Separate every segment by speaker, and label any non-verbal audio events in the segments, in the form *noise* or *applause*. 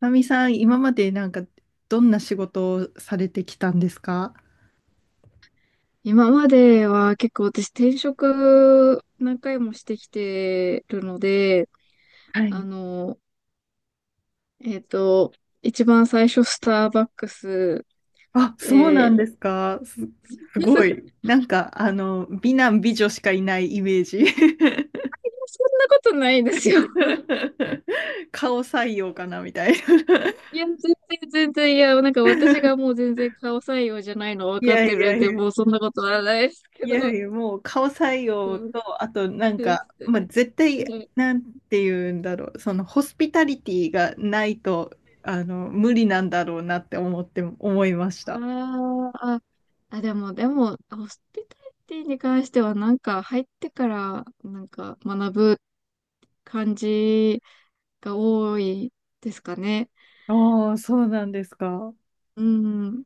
Speaker 1: まみさん、今までなんか、どんな仕事をされてきたんですか？
Speaker 2: 今までは結構私転職何回もしてきてるので、
Speaker 1: は
Speaker 2: あ
Speaker 1: い。
Speaker 2: の、えっと、一番最初スターバックス、
Speaker 1: あ、そうなん
Speaker 2: え
Speaker 1: ですか。す
Speaker 2: そ
Speaker 1: ご
Speaker 2: ん
Speaker 1: い。なんか、あの、美男美女しかいないイメージ。
Speaker 2: なことないですよ。
Speaker 1: *laughs* 顔採用かなみたいな。
Speaker 2: いや、全然全然、いや、なんか私がもう全然顔採用じゃないの分
Speaker 1: い
Speaker 2: か
Speaker 1: や
Speaker 2: っ
Speaker 1: い
Speaker 2: て
Speaker 1: や
Speaker 2: るん
Speaker 1: い
Speaker 2: で、
Speaker 1: や、
Speaker 2: もうそんなことはないですけ
Speaker 1: いやい
Speaker 2: ど。
Speaker 1: や、もう顔採
Speaker 2: う
Speaker 1: 用
Speaker 2: ん、
Speaker 1: と、あとなん
Speaker 2: で
Speaker 1: か、
Speaker 2: す。
Speaker 1: まあ、絶対、なんて言うんだろう、そのホスピタリティがないと、あの、無理なんだろうなって思って、思いました。
Speaker 2: ああ、あ、でも、ホスピタリティに関しては、なんか入ってから、なんか学ぶ感じが多いですかね。
Speaker 1: ああ、そうなんですか。
Speaker 2: うん。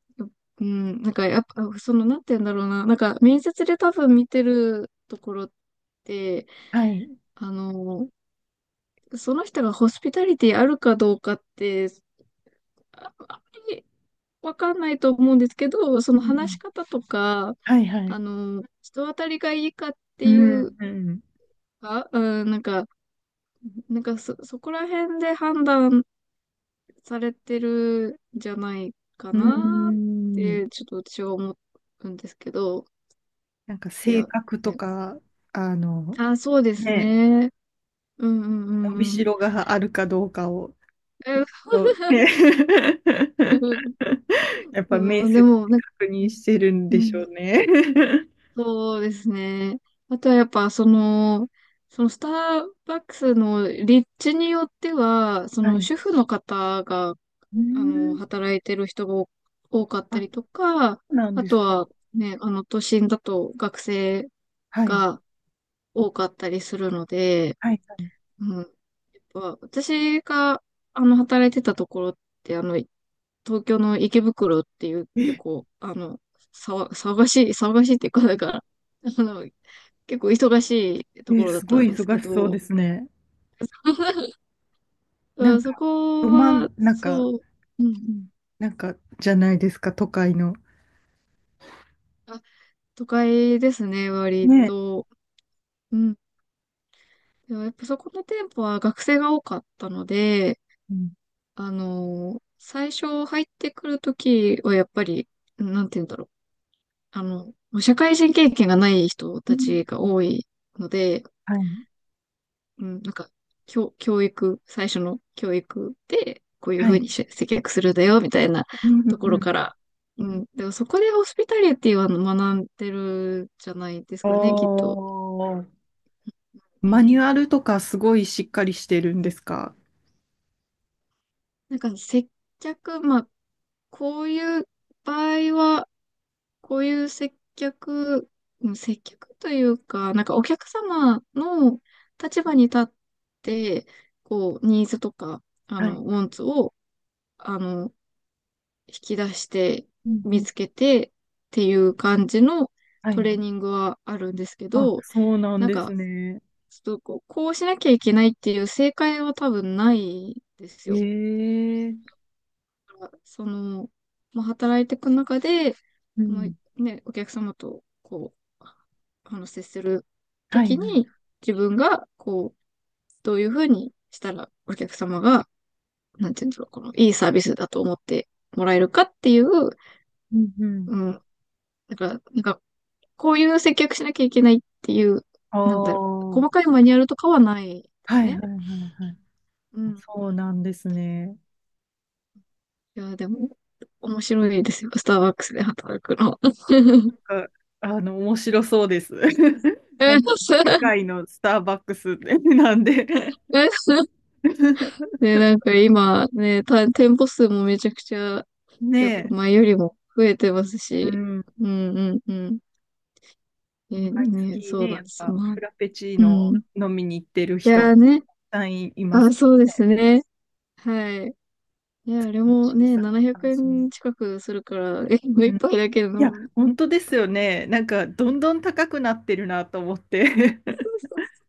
Speaker 2: うん。なんか、やっぱ、その、なんて言うんだろうな。なんか、面接で多分見てるところって、
Speaker 1: はい。
Speaker 2: あの、その人がホスピタリティあるかどうかって、あんまりわかんないと思うんですけど、そ
Speaker 1: う
Speaker 2: の話し
Speaker 1: ん。
Speaker 2: 方とか、
Speaker 1: はいはい。
Speaker 2: 人当たりがいいかっ
Speaker 1: う
Speaker 2: てい
Speaker 1: ん、
Speaker 2: う
Speaker 1: うん。
Speaker 2: か、うん、なんかそこら辺で判断されてるんじゃないか
Speaker 1: う
Speaker 2: なっ
Speaker 1: ん。
Speaker 2: て、ちょっと私は思うんですけど、
Speaker 1: なんか
Speaker 2: い
Speaker 1: 性
Speaker 2: や、
Speaker 1: 格と
Speaker 2: ね。
Speaker 1: か、あの、
Speaker 2: あ、そうです
Speaker 1: ね、
Speaker 2: ね。うんうんう
Speaker 1: 伸び
Speaker 2: んう
Speaker 1: し
Speaker 2: ん。
Speaker 1: ろがあるかどうかを、
Speaker 2: え
Speaker 1: と、ね、
Speaker 2: *laughs* うん
Speaker 1: *laughs* やっぱ
Speaker 2: そ
Speaker 1: 面
Speaker 2: う
Speaker 1: 接
Speaker 2: で
Speaker 1: で
Speaker 2: も、なんか、
Speaker 1: 確認してるん
Speaker 2: う
Speaker 1: でしょ
Speaker 2: ん、
Speaker 1: うね。*laughs*
Speaker 2: そうですね。あとはやっぱ、その、そのスターバックスの立地によっては、そ
Speaker 1: は
Speaker 2: の
Speaker 1: い。
Speaker 2: 主婦の方が
Speaker 1: *laughs* うん。
Speaker 2: 働いてる人が多かった
Speaker 1: あ、そ
Speaker 2: りとか、
Speaker 1: うなん
Speaker 2: あ
Speaker 1: です
Speaker 2: と
Speaker 1: か。
Speaker 2: はね、都心だと学生
Speaker 1: はい。
Speaker 2: が多かったりするので、
Speaker 1: はいは
Speaker 2: うん。やっぱ、私が、働いてたところって、東京の池袋っていう
Speaker 1: い。
Speaker 2: 結構、騒がしいっていうか、だから、あの、結構忙しいところだっ
Speaker 1: すご
Speaker 2: たん
Speaker 1: い
Speaker 2: です
Speaker 1: 忙
Speaker 2: け
Speaker 1: しそうで
Speaker 2: ど、
Speaker 1: すね。
Speaker 2: *laughs*
Speaker 1: な
Speaker 2: う
Speaker 1: ん
Speaker 2: んそ
Speaker 1: か、ど
Speaker 2: こ
Speaker 1: 真
Speaker 2: は、
Speaker 1: ん中
Speaker 2: そう、うんうん。
Speaker 1: なんか、じゃないですか、都会の。
Speaker 2: あ、都会ですね、割
Speaker 1: ね。
Speaker 2: と。うん。でもやっぱそこの店舗は学生が多かったので、
Speaker 1: うん。
Speaker 2: 最初入ってくるときはやっぱり、なんて言うんだろう。あの、社会人経験がない人
Speaker 1: うん。
Speaker 2: たちが多いので、
Speaker 1: はい。
Speaker 2: うん、なんか、教、教育、最初の教育で、こういう
Speaker 1: は
Speaker 2: ふう
Speaker 1: い。
Speaker 2: にし接客するんだよ、みたいな
Speaker 1: うんう
Speaker 2: と
Speaker 1: ん
Speaker 2: ころ
Speaker 1: う
Speaker 2: か
Speaker 1: ん。
Speaker 2: ら。うん。でもそこでホスピタリティは学んでるじゃないです
Speaker 1: お
Speaker 2: かね、きっと。
Speaker 1: ー。
Speaker 2: う
Speaker 1: マ
Speaker 2: ん。
Speaker 1: ニュアルとかすごいしっかりしてるんですか？
Speaker 2: なんか接客、まあ、こういう場合は、こういう接客、うん接客というか、なんかお客様の立場に立って、こう、ニーズとか、
Speaker 1: はい。
Speaker 2: ウォンツを、あの、引き出して
Speaker 1: うんう
Speaker 2: 見
Speaker 1: ん。
Speaker 2: つけてっていう感じの
Speaker 1: は
Speaker 2: ト
Speaker 1: い。
Speaker 2: レーニングはあるんですけ
Speaker 1: あ、
Speaker 2: ど、
Speaker 1: そうなん
Speaker 2: なん
Speaker 1: です
Speaker 2: か、
Speaker 1: ね。
Speaker 2: ちょっとこう、こうしなきゃいけないっていう正解は多分ないです
Speaker 1: え
Speaker 2: よ。
Speaker 1: え。
Speaker 2: その、まあ、働いていく中で、
Speaker 1: う
Speaker 2: ま
Speaker 1: ん。
Speaker 2: あね、お客様とこう、接すると
Speaker 1: はい
Speaker 2: き
Speaker 1: はい。
Speaker 2: に、自分がこう、どういうふうにしたらお客様が、なんていうんだろう、この、いいサービスだと思ってもらえるかっていう、
Speaker 1: うんうん。
Speaker 2: うん、なんか、こういう接客しなきゃいけないっていう、
Speaker 1: あ
Speaker 2: なんだろう、細か
Speaker 1: あ。
Speaker 2: いマニュアルとかはないで
Speaker 1: は
Speaker 2: す
Speaker 1: いはい
Speaker 2: ね。
Speaker 1: はいはい。
Speaker 2: うん。うん
Speaker 1: そうなんですね。
Speaker 2: いや、でも、面白いですよ、スターバックスで働くの。*laughs*
Speaker 1: あ、あの、面白そうです。*laughs*
Speaker 2: う
Speaker 1: なん
Speaker 2: ん
Speaker 1: か、世界のスターバックス *laughs* なんで。
Speaker 2: *laughs* え、ね、なんか今ね、店舗数もめちゃくちゃ、
Speaker 1: ね
Speaker 2: やっぱ
Speaker 1: え、
Speaker 2: 前よりも増えてます
Speaker 1: う
Speaker 2: し、
Speaker 1: ん。
Speaker 2: うんうんうん。え、
Speaker 1: 毎
Speaker 2: ね、
Speaker 1: 月
Speaker 2: そう
Speaker 1: ね、
Speaker 2: な
Speaker 1: や
Speaker 2: ん
Speaker 1: っ
Speaker 2: です。
Speaker 1: ぱ
Speaker 2: まあ、
Speaker 1: フラペチー
Speaker 2: う
Speaker 1: ノ
Speaker 2: ん。い
Speaker 1: 飲みに行ってる人も
Speaker 2: やーね、
Speaker 1: たくさんいま
Speaker 2: あ、
Speaker 1: す
Speaker 2: そうです
Speaker 1: ね。
Speaker 2: ね。はい。いや、あれも
Speaker 1: 小
Speaker 2: ね、
Speaker 1: さく
Speaker 2: 700
Speaker 1: 楽しみに。
Speaker 2: 円近くするから、*laughs* え、もう
Speaker 1: う
Speaker 2: 一
Speaker 1: ん、い
Speaker 2: 杯だけで
Speaker 1: や、
Speaker 2: も
Speaker 1: 本当で
Speaker 2: 高
Speaker 1: すよ
Speaker 2: いです。
Speaker 1: ね。なんか、どんどん高くなってるなと思って。
Speaker 2: そう
Speaker 1: *laughs*
Speaker 2: そうそう。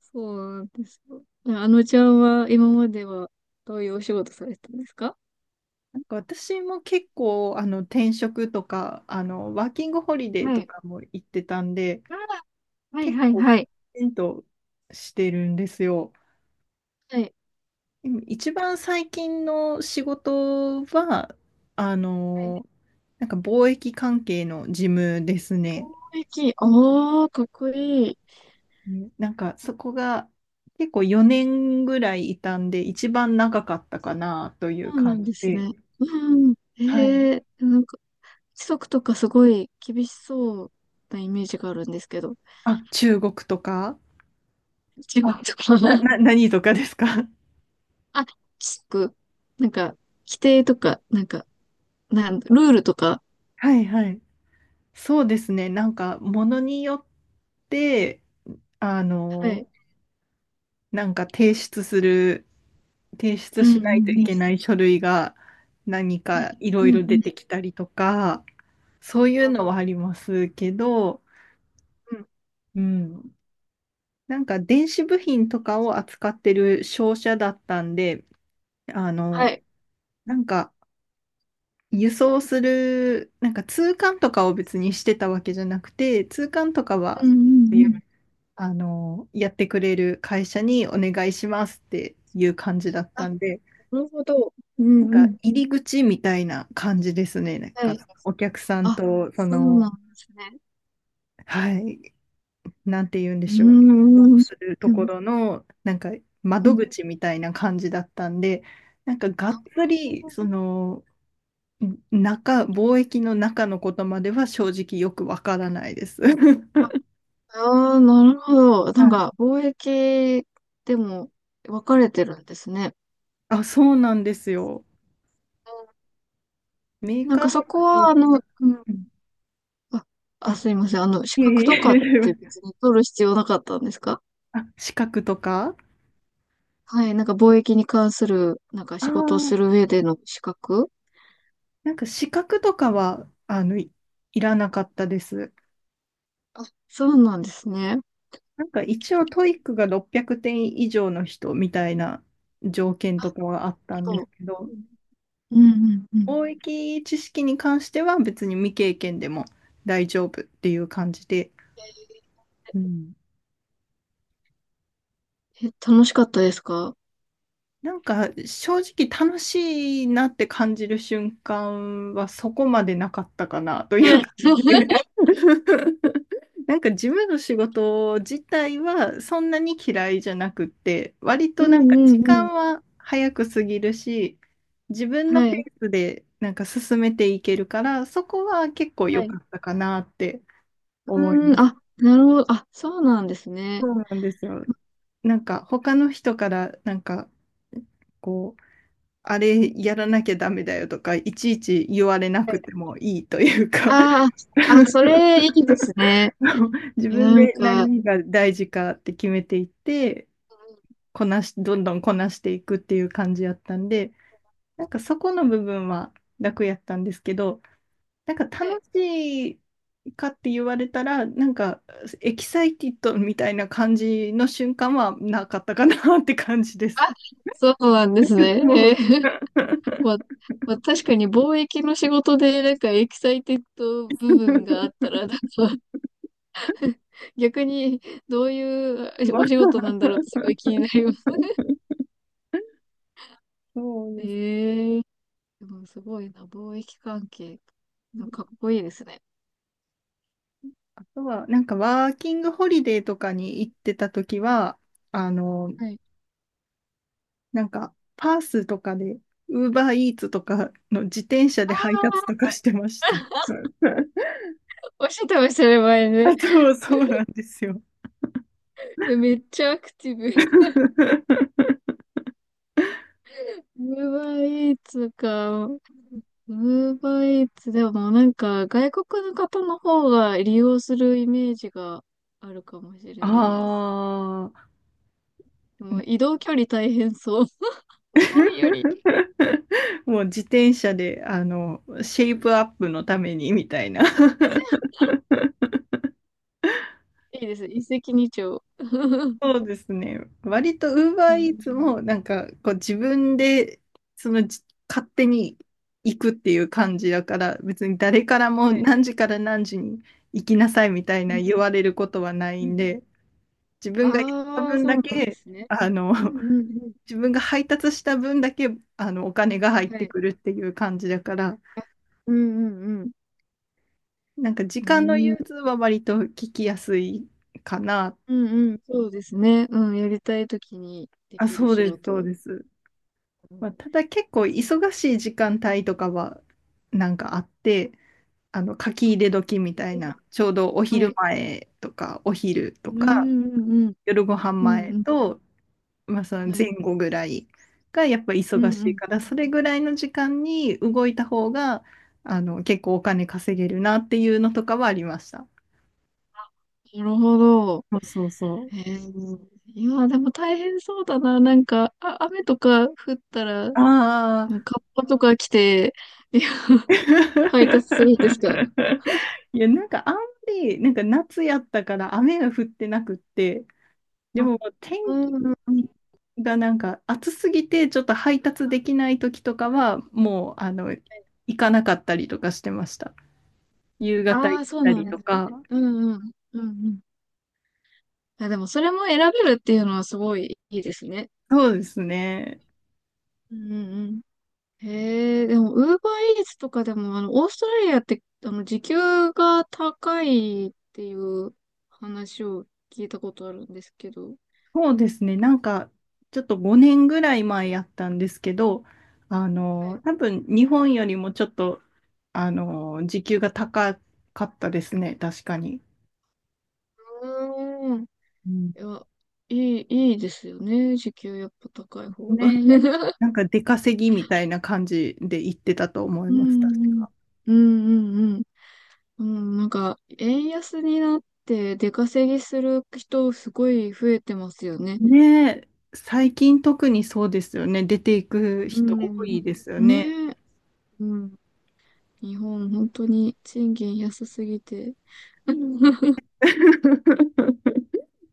Speaker 2: そうなんですよ。あのちゃんは今まではどういうお仕事されてたんですか？
Speaker 1: なんか私も結構、あの、転職とか、あの、ワーキングホリデー
Speaker 2: は
Speaker 1: と
Speaker 2: い。
Speaker 1: かも行ってたんで、
Speaker 2: あらはい
Speaker 1: 結
Speaker 2: はい
Speaker 1: 構、
Speaker 2: はい。
Speaker 1: きちんとしてるんですよ。
Speaker 2: は
Speaker 1: でも一番最近の仕事は、あの、
Speaker 2: い。
Speaker 1: なんか貿易関係の事務ですね。
Speaker 2: 雰囲気、おー、かっこいい。
Speaker 1: ね、なんかそこが結構4年ぐらいいたんで、一番長かったかなとい
Speaker 2: そ
Speaker 1: う
Speaker 2: うな
Speaker 1: 感
Speaker 2: ん
Speaker 1: じ
Speaker 2: です
Speaker 1: で。
Speaker 2: ね。うん。
Speaker 1: はい。
Speaker 2: ええなんか、規則とかすごい厳しそうなイメージがあるんですけど。
Speaker 1: あ、中国とか、
Speaker 2: 違う
Speaker 1: あ、
Speaker 2: のかな？
Speaker 1: 何とかですか？ *laughs*
Speaker 2: *laughs* あ、規則なんか、規定とか、なんか、ルールとか。
Speaker 1: はいはい。そうですね。なんかものによって、あ
Speaker 2: は
Speaker 1: の、
Speaker 2: い。
Speaker 1: なんか提出する提出
Speaker 2: うん
Speaker 1: し
Speaker 2: う
Speaker 1: ないと
Speaker 2: ん
Speaker 1: い
Speaker 2: うん。
Speaker 1: けない書類が何かい
Speaker 2: う
Speaker 1: ろいろ
Speaker 2: んう
Speaker 1: 出
Speaker 2: ん。
Speaker 1: てきたりとか、そういうの
Speaker 2: あ
Speaker 1: はありますけど、
Speaker 2: うん。
Speaker 1: うん。なんか電子部品とかを扱ってる商社だったんで、あ
Speaker 2: は
Speaker 1: の、
Speaker 2: い。
Speaker 1: なんか輸送する、なんか通関とかを別にしてたわけじゃなくて、通関とか
Speaker 2: う
Speaker 1: は、
Speaker 2: んうんうん。
Speaker 1: あの、やってくれる会社にお願いしますっていう感じだっ
Speaker 2: あ、
Speaker 1: たんで、
Speaker 2: なるほど。う
Speaker 1: なん
Speaker 2: んう
Speaker 1: か
Speaker 2: ん。
Speaker 1: 入り口みたいな感じですね。なん
Speaker 2: はい。
Speaker 1: かお客さん
Speaker 2: あ、
Speaker 1: と、そ
Speaker 2: そうな
Speaker 1: の、
Speaker 2: んですね。
Speaker 1: はい、なんて言うんで
Speaker 2: う
Speaker 1: しょう、
Speaker 2: んうんうん。
Speaker 1: すると
Speaker 2: う
Speaker 1: こ
Speaker 2: ん
Speaker 1: ろの、なんか窓
Speaker 2: う
Speaker 1: 口みたいな感じだったんで、なんかがっつり、そ
Speaker 2: ん
Speaker 1: の、中、貿易の中のことまでは正直よくわからないです。*laughs*
Speaker 2: ああ、なるほど。
Speaker 1: は
Speaker 2: なん
Speaker 1: い、
Speaker 2: か、貿易でも分かれてるんですね。
Speaker 1: あ、そうなんですよ。メー
Speaker 2: なん
Speaker 1: カー
Speaker 2: かそ
Speaker 1: と
Speaker 2: こ
Speaker 1: か商
Speaker 2: は、
Speaker 1: 社が、
Speaker 2: うん、
Speaker 1: うん、
Speaker 2: あ、あ、
Speaker 1: あ、
Speaker 2: すいません。資
Speaker 1: い
Speaker 2: 格
Speaker 1: えいえ、
Speaker 2: と
Speaker 1: す
Speaker 2: かっ
Speaker 1: いま
Speaker 2: て
Speaker 1: せ
Speaker 2: 別
Speaker 1: ん、
Speaker 2: に取る必要なかったんですか？
Speaker 1: あ、資格とか、
Speaker 2: はい。なんか貿易に関する、なんか
Speaker 1: ああ
Speaker 2: 仕事をする
Speaker 1: ー、
Speaker 2: 上での資格
Speaker 1: なんか資格とかは、あの、いらなかったです。
Speaker 2: そうなんですね。
Speaker 1: なんか一応トイックが600点以上の人みたいな条件とかはあったんで
Speaker 2: そ
Speaker 1: す
Speaker 2: う
Speaker 1: けど、
Speaker 2: うんうんうん。
Speaker 1: 貿易知識に関しては別に未経験でも大丈夫っていう感じで、うん、
Speaker 2: え、楽しかったですか？
Speaker 1: なんか正直楽しいなって感じる瞬間はそこまでなかったかなとい
Speaker 2: は
Speaker 1: う
Speaker 2: い。
Speaker 1: 感じで。
Speaker 2: *laughs*
Speaker 1: *laughs* なんか事務の仕事自体はそんなに嫌いじゃなくって、割
Speaker 2: う
Speaker 1: とな
Speaker 2: ん
Speaker 1: んか
Speaker 2: う
Speaker 1: 時
Speaker 2: んう
Speaker 1: 間
Speaker 2: ん。
Speaker 1: は早く過ぎるし、自分の
Speaker 2: は
Speaker 1: ペ
Speaker 2: い。
Speaker 1: ースでなんか進めていけるから、そこは結構
Speaker 2: は
Speaker 1: 良
Speaker 2: い。
Speaker 1: かったかなって思い
Speaker 2: う
Speaker 1: ま
Speaker 2: ん、
Speaker 1: す。
Speaker 2: あ、なるほど。あ、そうなんですね。
Speaker 1: そうなんですよ。なんか他の人からなんかこう、あれやらなきゃダメだよとか、いちいち言われなくてもいいというか。
Speaker 2: ああ、あ、それい
Speaker 1: *laughs*
Speaker 2: いですね。
Speaker 1: 自
Speaker 2: いや
Speaker 1: 分
Speaker 2: なん
Speaker 1: で
Speaker 2: か、うん
Speaker 1: 何が大事かって決めていって、こなし、どんどんこなしていくっていう感じやったんで、なんかそこの部分は楽やったんですけど、なんか
Speaker 2: はい。
Speaker 1: 楽しいかって言われたら、なんかエキサイティッドみたいな感じの瞬間はなかったかなって感じです。
Speaker 2: あ、そうなんです
Speaker 1: *laughs* も
Speaker 2: ね。
Speaker 1: う。
Speaker 2: *laughs* まあ、まあ、確かに貿易の仕事で、なんかエキサイテッド部分があ
Speaker 1: *laughs*
Speaker 2: ったら、なんか逆にどういう
Speaker 1: まあ、
Speaker 2: お仕事なんだろうってすごい気になります
Speaker 1: そ
Speaker 2: ね。
Speaker 1: うです
Speaker 2: ええでもすごいな、貿易関係。かっ
Speaker 1: ね。
Speaker 2: こいいですね。
Speaker 1: あとは、なんかワーキングホリデーとかに行ってた時は、あの、
Speaker 2: はい。
Speaker 1: なんか、パースとかで、ウーバーイーツとかの自転車
Speaker 2: あ
Speaker 1: で配達と
Speaker 2: あ、
Speaker 1: かしてました。*laughs*
Speaker 2: おっしゃってましたね、前ね。
Speaker 1: あと、そうなんですよ。
Speaker 2: めっちゃアクティブ。
Speaker 1: *laughs*
Speaker 2: ウーバーイーツか。ウーバーイーツ、でもなんか外国の方の方が利用するイメージがあるかもしれ
Speaker 1: あ
Speaker 2: ないです。
Speaker 1: あ。
Speaker 2: でも移動距離大変そう。*laughs* 日本より、
Speaker 1: *laughs* もう自転車で、あの、シェイプアップのためにみたいな。
Speaker 2: *laughs* じゃあいいです。一石二鳥。
Speaker 1: そうですね。割と
Speaker 2: うんうん
Speaker 1: UberEats
Speaker 2: うん。
Speaker 1: もなんかこう自分でそのじ勝手に行くっていう感じだから、別に誰からも
Speaker 2: はい。
Speaker 1: 何時から何時に行きなさいみたい
Speaker 2: う
Speaker 1: な
Speaker 2: ん
Speaker 1: 言われることはな
Speaker 2: う
Speaker 1: いん
Speaker 2: ん。
Speaker 1: で、自分がやった
Speaker 2: ああ、
Speaker 1: 分
Speaker 2: そ
Speaker 1: だ
Speaker 2: うなんで
Speaker 1: け
Speaker 2: すね。
Speaker 1: あの。
Speaker 2: う
Speaker 1: *laughs*
Speaker 2: んうん
Speaker 1: 自分が配達した分だけあのお金が入っ
Speaker 2: うん。は
Speaker 1: て
Speaker 2: い。
Speaker 1: くるっていう感じだから、
Speaker 2: あ、うんうんうん。
Speaker 1: なんか時
Speaker 2: う
Speaker 1: 間の
Speaker 2: ん。
Speaker 1: 融通は割と聞きやすいかな。
Speaker 2: うんうん。そうですね。うん。やりたいときにで
Speaker 1: あ、
Speaker 2: きる
Speaker 1: そう
Speaker 2: 仕
Speaker 1: です、そう
Speaker 2: 事。
Speaker 1: です。
Speaker 2: うん。
Speaker 1: まあ、ただ結構
Speaker 2: 全然
Speaker 1: 忙しい時間帯とかはなんかあって、あの書き入れ時みたいな、ちょうどお
Speaker 2: は
Speaker 1: 昼
Speaker 2: い。
Speaker 1: 前とかお昼と
Speaker 2: う
Speaker 1: か
Speaker 2: んうんうん。
Speaker 1: 夜ご飯
Speaker 2: うん
Speaker 1: 前
Speaker 2: うん。
Speaker 1: と、まあ、その
Speaker 2: は
Speaker 1: 前
Speaker 2: い。
Speaker 1: 後ぐらいがやっぱ
Speaker 2: う
Speaker 1: 忙
Speaker 2: んう
Speaker 1: しい
Speaker 2: ん
Speaker 1: か
Speaker 2: う
Speaker 1: ら、
Speaker 2: ん。
Speaker 1: それぐらいの時間に動いた方があの結構お金稼げるなっていうのとかはありました。
Speaker 2: なるほど。
Speaker 1: そうそうそう。
Speaker 2: へえ。いや、でも大変そうだな。なんか、あ、雨とか降ったら、
Speaker 1: あ
Speaker 2: う
Speaker 1: あ。
Speaker 2: んカッパとか来て、*laughs* いや、配達するんですか？
Speaker 1: *laughs* いや、なんかあんまり、なんか夏やったから雨が降ってなくって、で
Speaker 2: あ、
Speaker 1: ももう天
Speaker 2: う
Speaker 1: 気
Speaker 2: んうんうん。
Speaker 1: がなんか暑すぎてちょっと配達できない時とかはもうあの行かなかったりとかしてました。夕方
Speaker 2: あ
Speaker 1: 行
Speaker 2: あ、
Speaker 1: っ
Speaker 2: そう
Speaker 1: た
Speaker 2: なん
Speaker 1: り
Speaker 2: で
Speaker 1: と
Speaker 2: すね。
Speaker 1: か。
Speaker 2: うんうん。うんうん。あ、でもそれも選べるっていうのはすごいいいですね。
Speaker 1: そうですね。
Speaker 2: うんうんうん。へえ、でも、ウーバーイーツとかでも、オーストラリアって、時給が高いっていう話を聞いたことあるんですけど。
Speaker 1: そうですね。なんかちょっと5年ぐらい前やったんですけど、あ
Speaker 2: は
Speaker 1: の
Speaker 2: い。
Speaker 1: 多分日本よりもちょっとあの時給が高かったですね。確かに。
Speaker 2: うーん。い
Speaker 1: うん、
Speaker 2: や、いい、いいですよね。時給やっぱ高い方が。
Speaker 1: ね。
Speaker 2: *laughs*
Speaker 1: なんか出稼ぎみたいな感じで行ってたと思い
Speaker 2: う
Speaker 1: ます。確
Speaker 2: ん、
Speaker 1: か。
Speaker 2: うん、うん、うん、うん。うんなんか、円安になって出稼ぎする人すごい増えてますよね。
Speaker 1: ねえ、最近特にそうですよね。出ていく
Speaker 2: う
Speaker 1: 人多
Speaker 2: ん。
Speaker 1: いですよね。
Speaker 2: ねえ。うん。日本、本当に賃金安すぎて。*laughs*
Speaker 1: *laughs*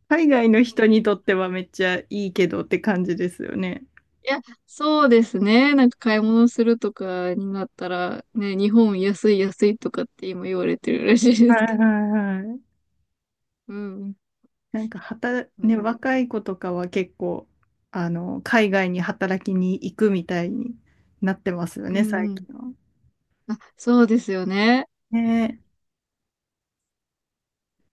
Speaker 1: 海外の人にとってはめっちゃいいけどって感じですよね。
Speaker 2: いや、そうですね。なんか買い物するとかになったら、ね、日本安い安いとかって今言われてるらしいで
Speaker 1: は
Speaker 2: す
Speaker 1: いは
Speaker 2: け
Speaker 1: いはい。
Speaker 2: ど。うん。
Speaker 1: なんか働、
Speaker 2: う
Speaker 1: ね、
Speaker 2: ん。
Speaker 1: 若い子とかは結構、あの、海外に働きに行くみたいになってますよ
Speaker 2: う
Speaker 1: ね、最
Speaker 2: んうん
Speaker 1: 近は。
Speaker 2: あ、そうですよね。
Speaker 1: ね